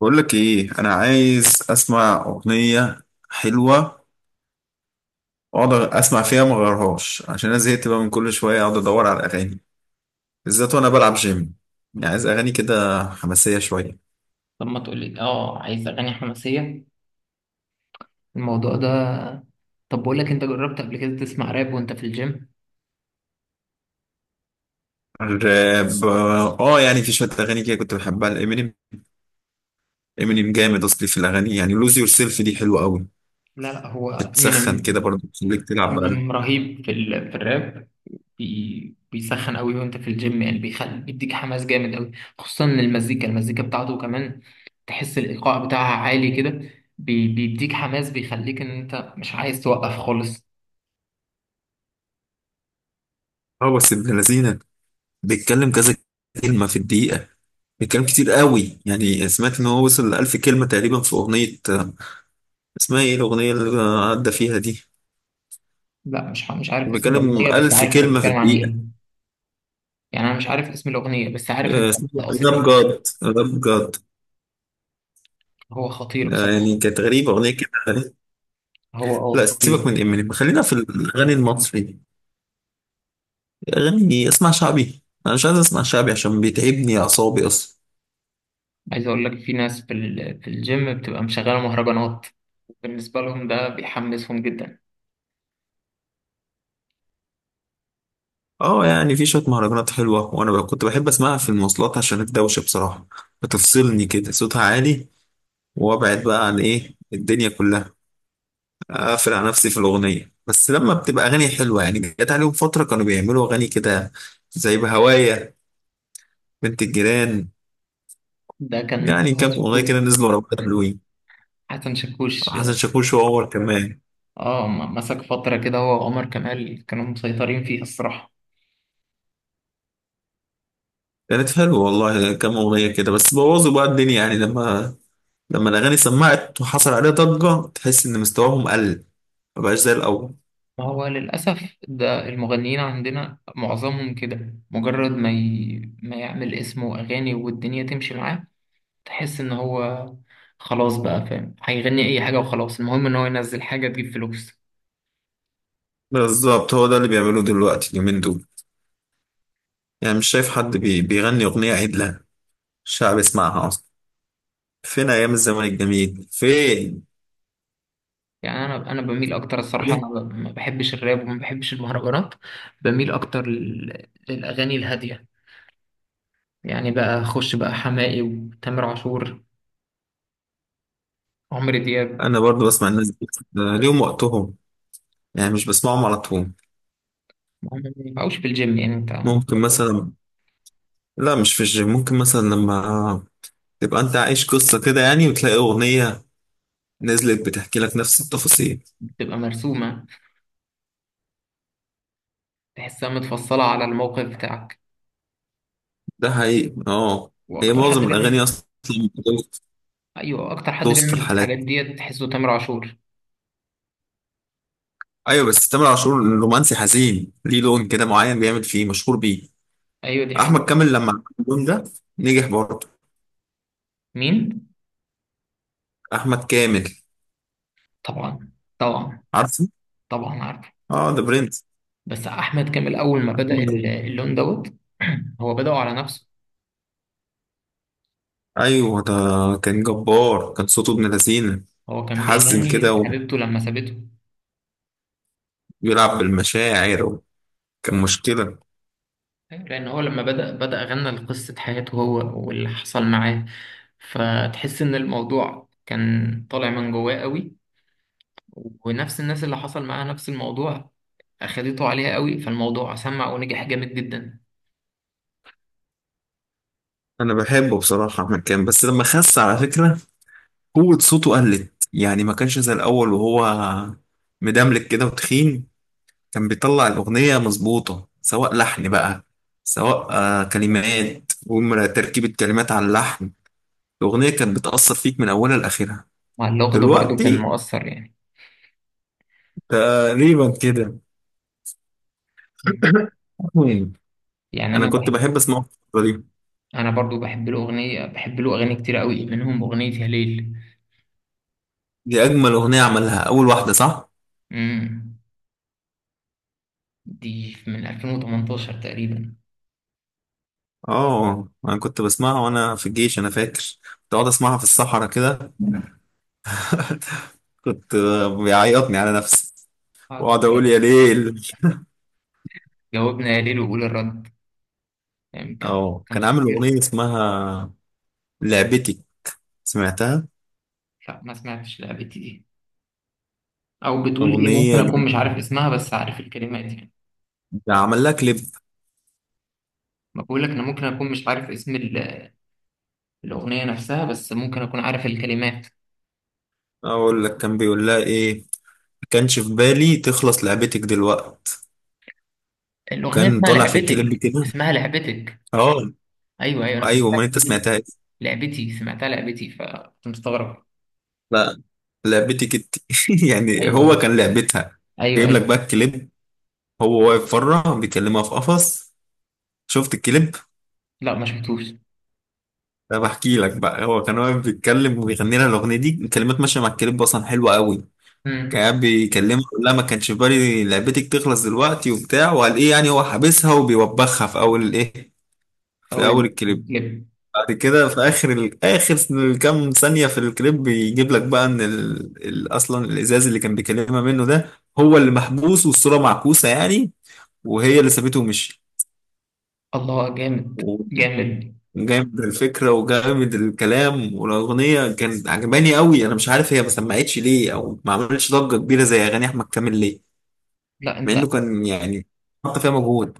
بقول لك ايه؟ انا عايز اسمع اغنيه حلوه واقعد اسمع فيها، ما اغيرهاش، عشان انا زهقت بقى من كل شويه اقعد ادور على اغاني، بالذات وانا بلعب جيم. يعني عايز اغاني كده حماسيه شويه. طب ما تقولي عايز اغاني حماسيه الموضوع ده. طب بقول لك انت جربت قبل كده تسمع راب وانت في الجيم؟ الراب؟ اه، يعني في شويه اغاني كده كنت بحبها لامينيم. امينيم جامد اصلي في الاغاني، يعني لوز يور سيلف دي حلوه قوي. لا هو بتسخن من كده برضه، بتخليك تلعب بقى. من رهيب في في الراب. بيسخن قوي وانت في الجيم، يعني بيخلي بيديك حماس جامد قوي. خصوصا إن المزيكا بتاعته كمان تحس الايقاع بتاعها عالي كده. بيديك حماس، بيخليك ان انت مش عايز توقف خالص. اه بس ابن لذينه، بيتكلم كذا كلمه في الدقيقه، بيتكلم كتير قوي. يعني سمعت ان هو وصل ل 1000 كلمه تقريبا في اغنيه، اسمها ايه الأغنية اللي عدى فيها دي؟ لا، مش عارف اسم بيتكلم الاغنيه، بس ألف عارف انت كلمة في بتتكلم عن الدقيقة. ايه. يعني انا مش عارف اسم الاغنيه، بس عارف انت آه، اسمها أنت قصدي راب إيه. جاد راب جاد. هو خطير آه، بصراحة. يعني كانت غريبة أغنية كده. هو لا سيبك خطير. من إمينيم، خلينا في الأغاني المصري. أغاني أسمع شعبي؟ أنا مش عايز أسمع شعبي عشان بيتعبني أعصابي أصلا. عايز اقول لك في ناس في في الجيم بتبقى مشغلة مهرجانات، بالنسبة لهم ده بيحمسهم جدا. اه يعني في شوية مهرجانات حلوة، وأنا بقى كنت بحب أسمعها في المواصلات عشان الدوشة بصراحة، بتفصلني كده صوتها عالي، وأبعد بقى عن إيه الدنيا كلها، اقفل على نفسي في الاغنيه. بس لما بتبقى اغاني حلوه، يعني جت عليهم فتره كانوا بيعملوا اغاني كده زي بهوايا، بنت الجيران. ده كان يعني هو كام اغنيه شاكوش، كده نزلوا ورا بعض حلوين. حسن شاكوش. حسن شاكوش وعمر كمان، اه، مسك فترة كده هو وعمر كمال كانوا مسيطرين فيها الصراحة. كانت حلوه والله كام اغنيه كده. بس بوظوا بقى الدنيا، يعني لما الاغاني سمعت وحصل عليها ضجه، تحس ان مستواهم قل، ما بقاش زي الاول. ما هو للأسف ده المغنيين عندنا معظمهم كده، مجرد ما يعمل اسمه وأغاني والدنيا تمشي معاه، تحس إن هو خلاص بقى فاهم هيغني أي حاجة وخلاص، المهم إن هو ينزل حاجة تجيب فلوس. بالظبط هو ده اللي بيعملوه دلوقتي اليومين دول. يعني مش شايف حد بيغني اغنيه عدله الشعب يسمعها اصلا. فين ايام الزمن الجميل فين؟ يعني انا بميل اكتر الصراحه، انا ما بحبش الراب وما بحبش المهرجانات، بميل اكتر للاغاني الهاديه. يعني بقى اخش بقى حماقي وتامر عاشور، عمرو دياب. انا برضو بسمع الناس دي. آه، ليهم وقتهم، يعني مش بسمعهم على طول. ما هم ما ينفعوش في الجيم يعني انت. ممكن مثلا، لا مش في الجيم، ممكن مثلا لما تبقى انت عايش قصة كده، يعني وتلاقي اغنية نزلت بتحكي لك نفس التفاصيل. بتبقى مرسومه، تحسها متفصله على الموقف بتاعك. ده حقيقي اه. هي واكتر حد معظم الاغاني بيعمل. اصلا ايوه اكتر حد بتوصف بيعمل الحالات. الحاجات ديت تحسه تامر عاشور. ايوه بس تامر عاشور رومانسي حزين، ليه لون كده معين بيعمل فيه مشهور بيه. ايوه دي احمد حقيقة. كامل لما عمل اللون ده نجح برضه. مين؟ احمد كامل. طبعا. طبعا. عارفه. طبعا عارفه. اه ده برنس. بس احمد كامل اول ما بدأ اللون دوت هو بدأه على نفسه. ايوه ده كان جبار، كان صوته ابن لذينه، هو كان يحزن بيغني كده لحبيبته لما سابته. وبيلعب بالمشاعر، كان مشكله. أيوة، لأن هو لما بدأ، بدأ غنى لقصة حياته هو واللي حصل معاه، فتحس إن الموضوع كان طالع من جواه قوي. ونفس الناس اللي حصل معاها نفس الموضوع أخدته عليها قوي، فالموضوع سمع ونجح جامد جدا. انا بحبه بصراحه احمد كامل، بس لما خس على فكره قوه صوته قلت، يعني ما كانش زي الاول وهو مدملك كده وتخين. كان بيطلع الاغنيه مظبوطه، سواء لحن بقى، سواء كلمات، ومرة تركيبة كلمات على اللحن. الأغنية كانت بتأثر فيك من أولها لآخرها. مع اللغة ده برضو كان دلوقتي مؤثر يعني. تقريبا كده. مم. يعني انا أنا كنت بحب. بحب اسمعه في الفترة دي. أنا برضو بحب له أغنية، بحب له أغاني كتير قوي منهم أغنية يا ليل. دي اجمل اغنية عملها، اول واحدة صح؟ مم. دي من 2018 تقريبا. اه انا كنت بسمعها وانا في الجيش، انا فاكر كنت اقعد اسمعها في الصحراء كده. كنت بيعيطني على نفسي آه، واقعد اقول يا ليل. جاوبنا يا ليل وقول الرد. يعني كان اه كان كان عامل خطير. اغنية اسمها لعبتي، سمعتها؟ لا، ما سمعتش لعبتي دي، او بتقول ايه؟ ممكن اغنية اكون جامدة. مش عارف اسمها بس عارف الكلمات يعني. عمل لها كليب. ما بقول لك انا ممكن اكون مش عارف اسم الاغنيه نفسها بس ممكن اكون عارف الكلمات. اقول لك كان بيقول لها ايه، ما كانش في بالي تخلص لعبتك دلوقت، الاغنيه وكان اسمها طالع في الكليب لعبتك، كده. اسمها لعبتك. اه ايوه ايوه، انا سمعتها. ايوه ما انت لعبتي، سمعتها إيه؟ لعبتي سمعتها، لعبتي، فكنت مستغرب. لا لعبتي كت يعني ايوه هو ايوه. كان لعبتها. ايوه جايب لك بقى ايوه. الكليب، هو واقف بره بيكلمها في قفص. شفت الكليب؟ لا، ما شفتوش. طب احكي لك بقى، هو كان واقف بيتكلم وبيغني لها الاغنيه دي، الكلمات ماشيه مع الكليب اصلا حلوه قوي. كان امم. قاعد بيكلمها، لا ما كانش في بالي لعبتك تخلص دلوقتي وبتاع، وقال ايه، يعني هو حابسها وبيوبخها في اول الايه، في اقول. اول الكليب. اللب. بعد كده في اخر اخر كام ثانيه في الكليب بيجيب لك بقى ان اصلا الازاز اللي كان بيكلمها منه ده، هو اللي محبوس والصوره معكوسه يعني، وهي اللي سابته ومشي. الله، جامد. جامد. وجامد الفكره وجامد الكلام، والاغنيه كانت عجباني قوي. انا مش عارف هي ما سمعتش ليه، او ما عملتش ضجه كبيره زي اغاني احمد كامل ليه، لا مع انت، انه كان يعني حط فيها مجهود.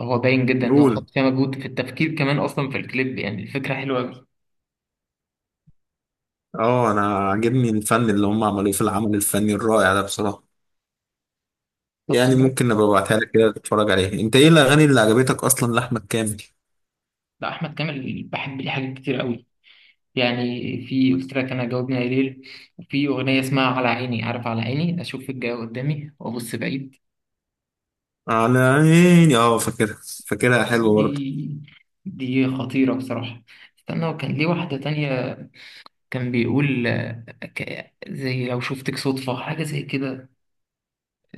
هو باين جدا ان هو قول. حط فيها مجهود في التفكير كمان، اصلا في الكليب يعني الفكره حلوه قوي. اه انا عاجبني الفن اللي هم عملوه في العمل الفني الرائع ده بصراحه. طب يعني سمعت. ممكن ابقى ابعتها لك كده تتفرج عليها. انت ايه الاغاني اللي عجبتك اصلا لاحمد كامل؟ لا، احمد كامل بحب ليه حاجات كتير قوي يعني. في، قلت لك انا جاوبني يا ليل. وفي اغنيه اسمها على عيني، عارف على عيني اشوف الجاي قدامي وابص بعيد. على عيني اه فاكرها، فاكرها حلو برضه. دي، دي خطيره بصراحه. استنى، وكان ليه واحده تانية. كان بيقول آه، زي لو شفتك صدفه، حاجه زي كده.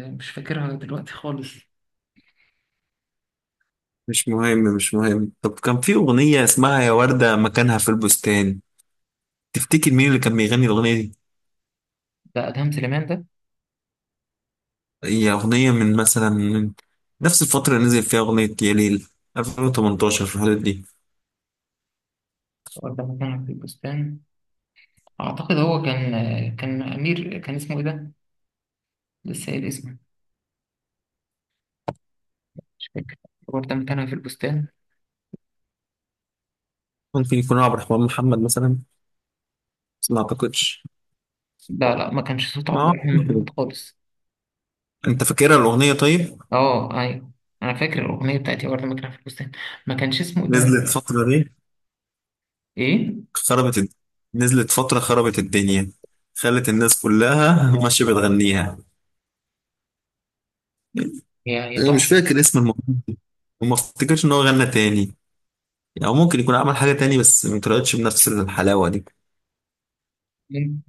آه، مش فاكرها دلوقتي خالص. مش مهم مش مهم. طب كان في اغنيه اسمها يا ورده مكانها في البستان، تفتكر مين اللي كان بيغني الاغنيه دي؟ ده ادهم سليمان ده. هي اغنيه من مثلا من نفس الفتره اللي نزل فيها اغنيه يا ليل، 2018 في الحدود دي. ولا مكان في البستان. أعتقد هو كان، كان أمير، كان اسمه إيه ده؟ لسه قايل اسمه، مش فاكر. هو ده مكانها في البستان. ممكن يكون عبد الرحمن محمد مثلا، بس ما اعتقدش. لا ما كانش صوت ما عبد الرحمن محمد أعتقد. خالص. انت فاكرها الاغنيه طيب؟ أه أيوه، أنا فاكر الأغنية بتاعتي وردة مكانها في البستان، ما كانش اسمه إيه ده. نزلت الفتره دي، إيه؟ خربت الد... نزلت فترة خربت الدنيا، خلت الناس كلها ماشية بتغنيها. هي أنا مش تحفة. فاكر اسم المغني، وما افتكرش إن هو غنى تاني، أو ممكن يكون عمل حاجة تاني بس ما طلعتش بنفس الحلاوة دي. مم.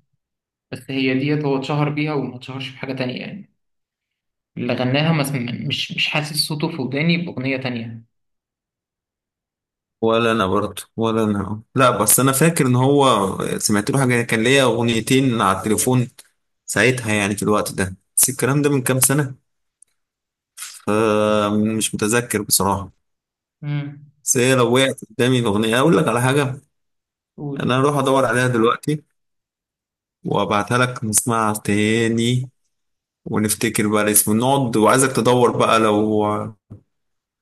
بس هي ديت هو اتشهر بيها وما اتشهرش بحاجة تانية يعني. اللي غناها ما سم- مش حاسس صوته في وداني بأغنية تانية. ولا أنا برضه، ولا أنا لا، بس أنا فاكر إن هو سمعت له حاجة، كان ليا أغنيتين على التليفون ساعتها، يعني في الوقت ده، بس الكلام ده من كام سنة فمش متذكر بصراحة. امم. بس هي لو وقعت قدامي الأغنية أقول لك على حاجة. قول. أنا هروح أدور عليها دلوقتي وابعتها لك نسمعها تاني ونفتكر بقى الاسم. نقعد وعايزك تدور بقى، لو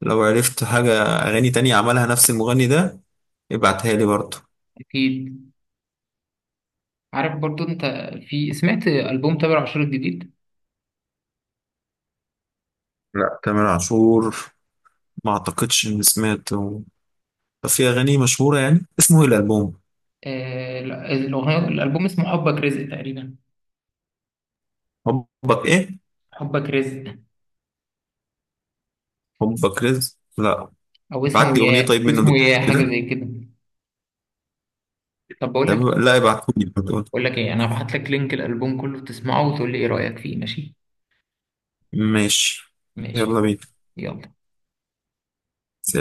لو عرفت حاجة أغاني تانية عملها نفس المغني ده ابعتها لي برضه. أكيد. عارف برضو أنت، في سمعت ألبوم تامر عاشور الجديد؟ لا تامر عاشور، ما أعتقدش إني سمعت. طب في أغاني مشهورة، يعني اسمه إيه الألبوم؟ آه، الألبوم اسمه حبك رزق تقريبا. حبك إيه؟ حبك رزق. حبك رزق؟ لا. أو اسمه ابعت لي أغنية يا، طيب منه اسمه دلوقتي يا حاجة كده. زي كده. طب بقول لك طب- إيه. لا ابعتهولي. بقول لك إيه، أنا هبعت لك لينك الألبوم كله تسمعه وتقول لي إيه رأيك فيه، ماشي؟ ماشي. ماشي. يلا بينا. يلا.